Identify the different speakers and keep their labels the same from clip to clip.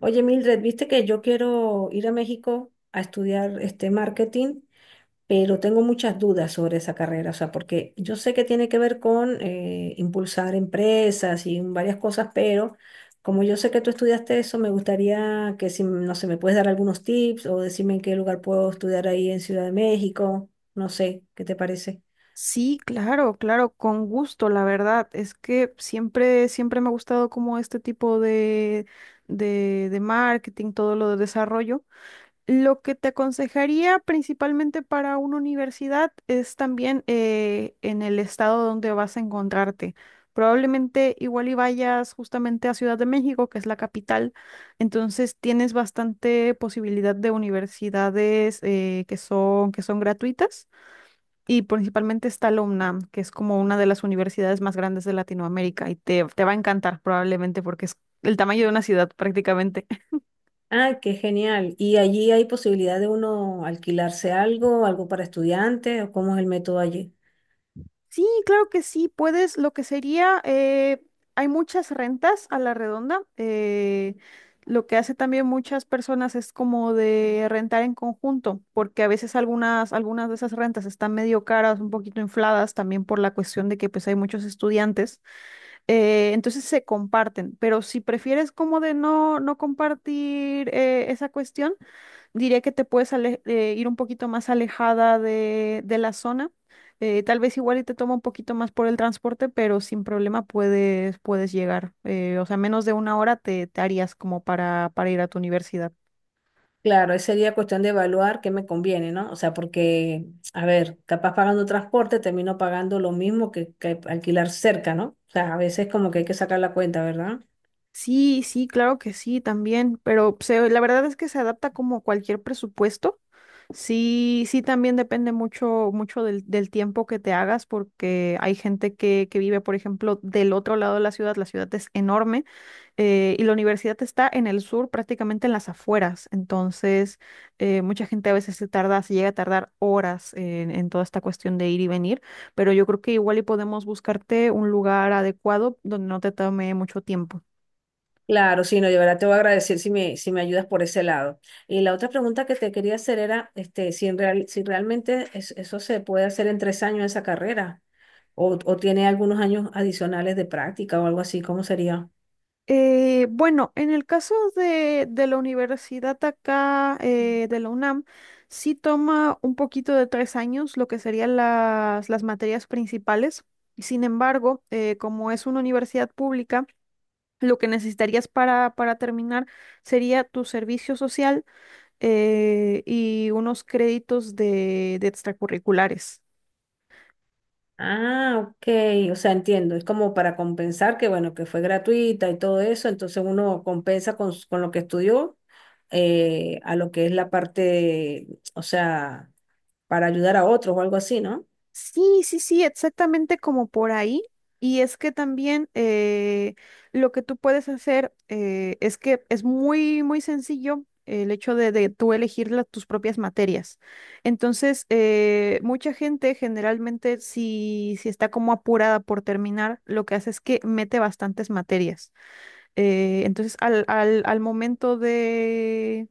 Speaker 1: Oye, Mildred, viste que yo quiero ir a México a estudiar este marketing, pero tengo muchas dudas sobre esa carrera, o sea, porque yo sé que tiene que ver con impulsar empresas y varias cosas, pero como yo sé que tú estudiaste eso, me gustaría que si, no sé, me puedes dar algunos tips o decirme en qué lugar puedo estudiar ahí en Ciudad de México, no sé, ¿qué te parece?
Speaker 2: Sí, claro, claro, con gusto, la verdad. Es que siempre, siempre me ha gustado como este tipo de marketing, todo lo de desarrollo. Lo que te aconsejaría principalmente para una universidad es también en el estado donde vas a encontrarte. Probablemente igual y vayas justamente a Ciudad de México, que es la capital, entonces tienes bastante posibilidad de universidades que son gratuitas y principalmente está la UNAM, que es como una de las universidades más grandes de Latinoamérica y te va a encantar probablemente porque es el tamaño de una ciudad prácticamente.
Speaker 1: Ah, qué genial. ¿Y allí hay posibilidad de uno alquilarse algo para estudiantes o cómo es el método allí?
Speaker 2: Sí, claro que sí, puedes, lo que sería, hay muchas rentas a la redonda. Lo que hace también muchas personas es como de rentar en conjunto, porque a veces algunas de esas rentas están medio caras, un poquito infladas también por la cuestión de que pues hay muchos estudiantes. Entonces se comparten, pero si prefieres como de no, no compartir esa cuestión, diría que te puedes ir un poquito más alejada de la zona. Tal vez igual y te toma un poquito más por el transporte, pero sin problema puedes, puedes llegar. O sea, menos de una hora te harías como para ir a tu universidad.
Speaker 1: Claro, ahí sería cuestión de evaluar qué me conviene, ¿no? O sea, porque, a ver, capaz pagando transporte termino pagando lo mismo que alquilar cerca, ¿no? O sea, a veces como que hay que sacar la cuenta, ¿verdad?
Speaker 2: Sí, sí, claro que sí, también, pero la verdad es que se adapta como cualquier presupuesto. Sí, sí, también depende mucho, mucho del tiempo que te hagas, porque hay gente que vive, por ejemplo, del otro lado de la ciudad es enorme, y la universidad está en el sur, prácticamente en las afueras, entonces mucha gente a veces se tarda, se llega a tardar horas en toda esta cuestión de ir y venir, pero yo creo que igual y podemos buscarte un lugar adecuado donde no te tome mucho tiempo.
Speaker 1: Claro, sí, no, yo verdad te voy a agradecer si me ayudas por ese lado. Y la otra pregunta que te quería hacer era, este, si realmente eso se puede hacer en 3 años esa carrera, o tiene algunos años adicionales de práctica o algo así, ¿cómo sería?
Speaker 2: Bueno, en el caso de la universidad acá, de la UNAM, sí toma un poquito de 3 años lo que serían las materias principales. Sin embargo, como es una universidad pública, lo que necesitarías para terminar sería tu servicio social y unos créditos de extracurriculares.
Speaker 1: Ah, ok, o sea, entiendo, es como para compensar que, bueno, que fue gratuita y todo eso, entonces uno compensa con lo que estudió a lo que es la parte, o sea, para ayudar a otros o algo así, ¿no?
Speaker 2: Sí, sí, sí, exactamente como por ahí. Y es que también lo que tú puedes hacer es que es muy, muy sencillo el hecho de tú elegir tus propias materias. Entonces, mucha gente generalmente si, si está como apurada por terminar, lo que hace es que mete bastantes materias. Entonces, al momento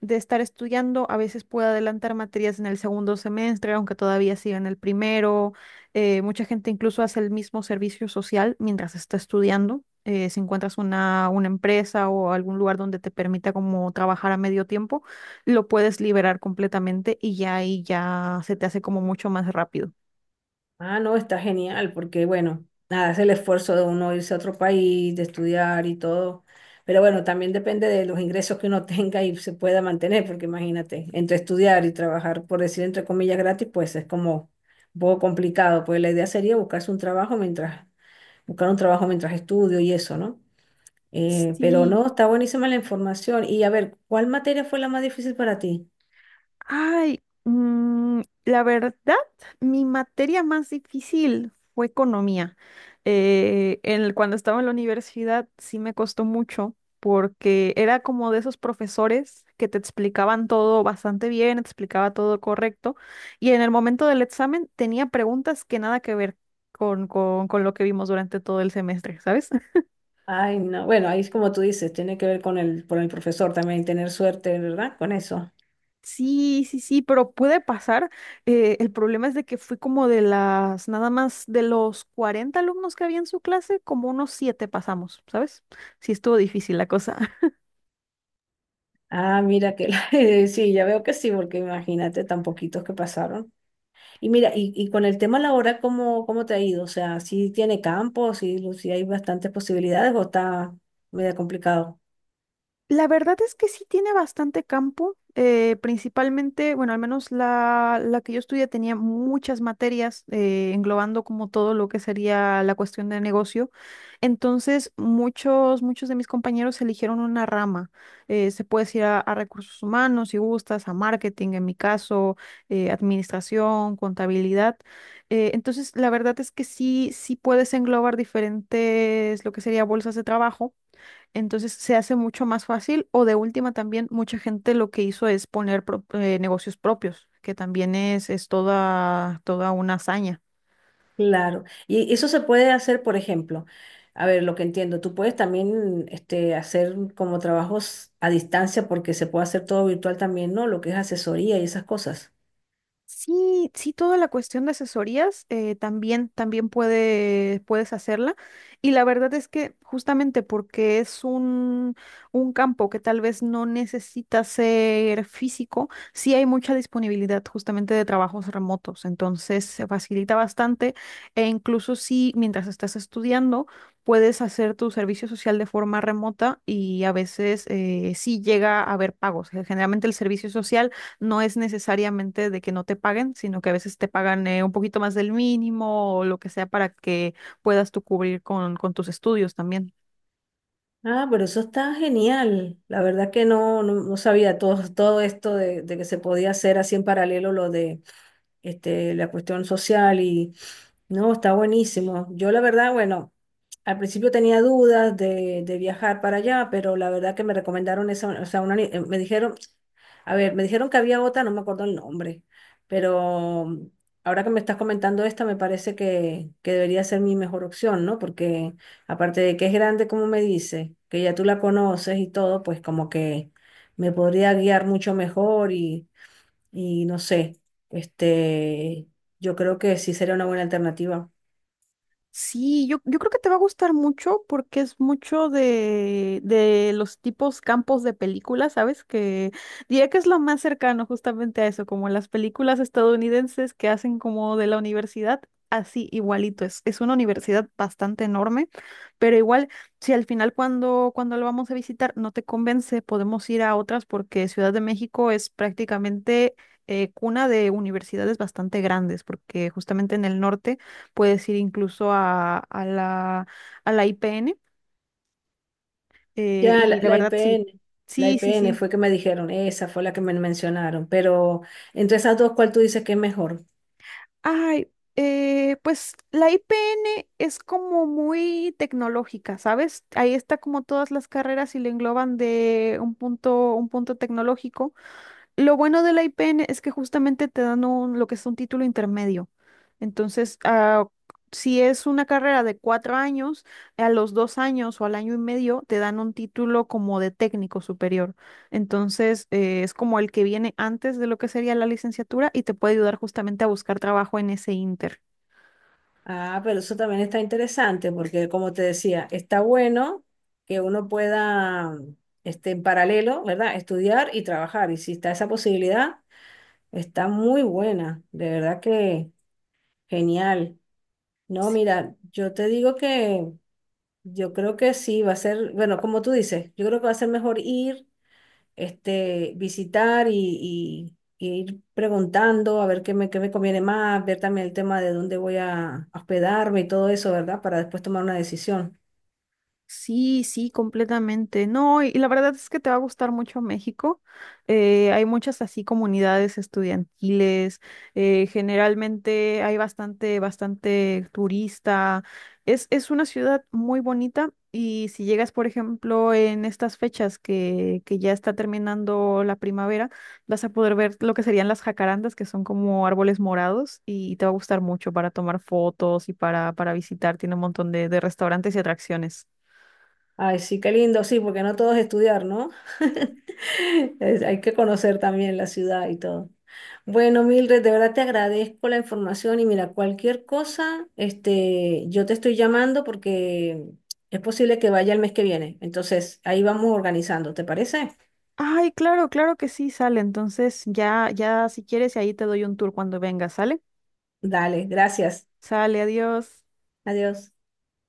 Speaker 2: de estar estudiando, a veces puedo adelantar materias en el segundo semestre, aunque todavía siga en el primero. Mucha gente incluso hace el mismo servicio social mientras está estudiando. Si encuentras una empresa o algún lugar donde te permita como trabajar a medio tiempo, lo puedes liberar completamente y ya ahí ya se te hace como mucho más rápido.
Speaker 1: Ah, no, está genial, porque bueno, nada, es el esfuerzo de uno irse a otro país, de estudiar y todo. Pero bueno, también depende de los ingresos que uno tenga y se pueda mantener, porque imagínate, entre estudiar y trabajar, por decir entre comillas gratis, pues es como un poco complicado. Pues la idea sería buscar un trabajo mientras estudio y eso, ¿no? Pero
Speaker 2: Sí.
Speaker 1: no, está buenísima la información. Y a ver, ¿cuál materia fue la más difícil para ti?
Speaker 2: Ay, la verdad, mi materia más difícil fue economía. Cuando estaba en la universidad sí me costó mucho porque era como de esos profesores que te explicaban todo bastante bien, te explicaba todo correcto y en el momento del examen tenía preguntas que nada que ver con lo que vimos durante todo el semestre, ¿sabes?
Speaker 1: Ay, no, bueno, ahí es como tú dices, tiene que ver con el profesor también, tener suerte, ¿verdad? Con eso.
Speaker 2: Sí, sí, sí, pero puede pasar. El problema es de que fui como de las, nada más de los 40 alumnos que había en su clase, como unos 7 pasamos, ¿sabes? Sí, estuvo difícil la cosa.
Speaker 1: Ah, mira que sí, ya veo que sí, porque imagínate tan poquitos que pasaron. Y mira, y con el tema laboral, ¿cómo te ha ido? O sea, ¿sí tiene campo, sí, sí hay bastantes posibilidades o está medio complicado?
Speaker 2: La verdad es que sí tiene bastante campo, principalmente, bueno, al menos la que yo estudié tenía muchas materias englobando como todo lo que sería la cuestión de negocio. Entonces, muchos de mis compañeros eligieron una rama. Se puede ir a recursos humanos, si gustas, a marketing, en mi caso, administración, contabilidad. Entonces, la verdad es que sí, sí puedes englobar diferentes, lo que sería bolsas de trabajo, entonces se hace mucho más fácil o de última también mucha gente lo que hizo es poner negocios propios, que también es toda, toda una hazaña.
Speaker 1: Claro. Y eso se puede hacer, por ejemplo, a ver, lo que entiendo, tú puedes también este, hacer como trabajos a distancia porque se puede hacer todo virtual también, ¿no? Lo que es asesoría y esas cosas.
Speaker 2: Sí, sí, toda la cuestión de asesorías también, también puede, puedes hacerla. Y la verdad es que justamente porque es un campo que tal vez no necesita ser físico, sí hay mucha disponibilidad justamente de trabajos remotos. Entonces se facilita bastante e incluso si mientras estás estudiando puedes hacer tu servicio social de forma remota y a veces sí llega a haber pagos. Generalmente el servicio social no es necesariamente de que no te paguen, sino que a veces te pagan un poquito más del mínimo o lo que sea para que puedas tú cubrir con tus estudios también.
Speaker 1: Ah, pero eso está genial. La verdad que no sabía todo esto de que se podía hacer así en paralelo lo de este, la cuestión social y no, está buenísimo. Yo la verdad, bueno. Al principio tenía dudas de viajar para allá, pero la verdad que me recomendaron esa, o sea, me dijeron, a ver, me dijeron que había otra, no me acuerdo el nombre, pero ahora que me estás comentando esta, me parece que debería ser mi mejor opción, ¿no? Porque aparte de que es grande, como me dice, que ya tú la conoces y todo, pues como que me podría guiar mucho mejor y no sé, este, yo creo que sí sería una buena alternativa.
Speaker 2: Sí, yo creo que te va a gustar mucho porque es mucho de los tipos campos de películas, ¿sabes? Que diría que es lo más cercano justamente a eso, como las películas estadounidenses que hacen como de la universidad, así igualito. Es una universidad bastante enorme, pero igual, si al final cuando, cuando lo vamos a visitar no te convence, podemos ir a otras porque Ciudad de México es prácticamente... cuna de universidades bastante grandes, porque justamente en el norte puedes ir incluso a la IPN.
Speaker 1: Ya,
Speaker 2: Y la
Speaker 1: la
Speaker 2: verdad, sí,
Speaker 1: IPN, la
Speaker 2: sí, sí,
Speaker 1: IPN
Speaker 2: sí.
Speaker 1: fue que me dijeron, esa fue la que me mencionaron, pero entre esas dos, ¿cuál tú dices que es mejor?
Speaker 2: Ay, pues la IPN es como muy tecnológica, ¿sabes? Ahí está como todas las carreras y le engloban de un punto tecnológico. Lo bueno de la IPN es que justamente te dan lo que es un título intermedio. Entonces, ah, si es una carrera de 4 años, a los 2 años o al año y medio te dan un título como de técnico superior. Entonces, es como el que viene antes de lo que sería la licenciatura y te puede ayudar justamente a buscar trabajo en ese inter.
Speaker 1: Ah, pero eso también está interesante porque, como te decía, está bueno que uno pueda, este, en paralelo, ¿verdad? Estudiar y trabajar. Y si está esa posibilidad, está muy buena, de verdad que genial. No, mira, yo te digo que yo creo que sí, va a ser, bueno, como tú dices, yo creo que va a ser mejor ir. Este, visitar y ir preguntando a ver qué me conviene más, ver también el tema de dónde voy a hospedarme y todo eso, ¿verdad? Para después tomar una decisión.
Speaker 2: Sí, sí, completamente. No, y la verdad es que te va a gustar mucho México. Hay muchas así comunidades estudiantiles. Generalmente hay bastante, bastante turista. Es una ciudad muy bonita y si llegas, por ejemplo, en estas fechas que ya está terminando la primavera, vas a poder ver lo que serían las jacarandas, que son como árboles morados, y te va a gustar mucho para tomar fotos y para visitar. Tiene un montón de restaurantes y atracciones.
Speaker 1: Ay, sí, qué lindo, sí, porque no todo es estudiar, ¿no? Hay que conocer también la ciudad y todo. Bueno, Mildred, de verdad te agradezco la información y mira, cualquier cosa, este, yo te estoy llamando porque es posible que vaya el mes que viene. Entonces, ahí vamos organizando, ¿te parece?
Speaker 2: Ay, claro, claro que sí, sale. Entonces, ya, ya si quieres, ahí te doy un tour cuando vengas, ¿sale?
Speaker 1: Dale, gracias.
Speaker 2: Sale, adiós.
Speaker 1: Adiós.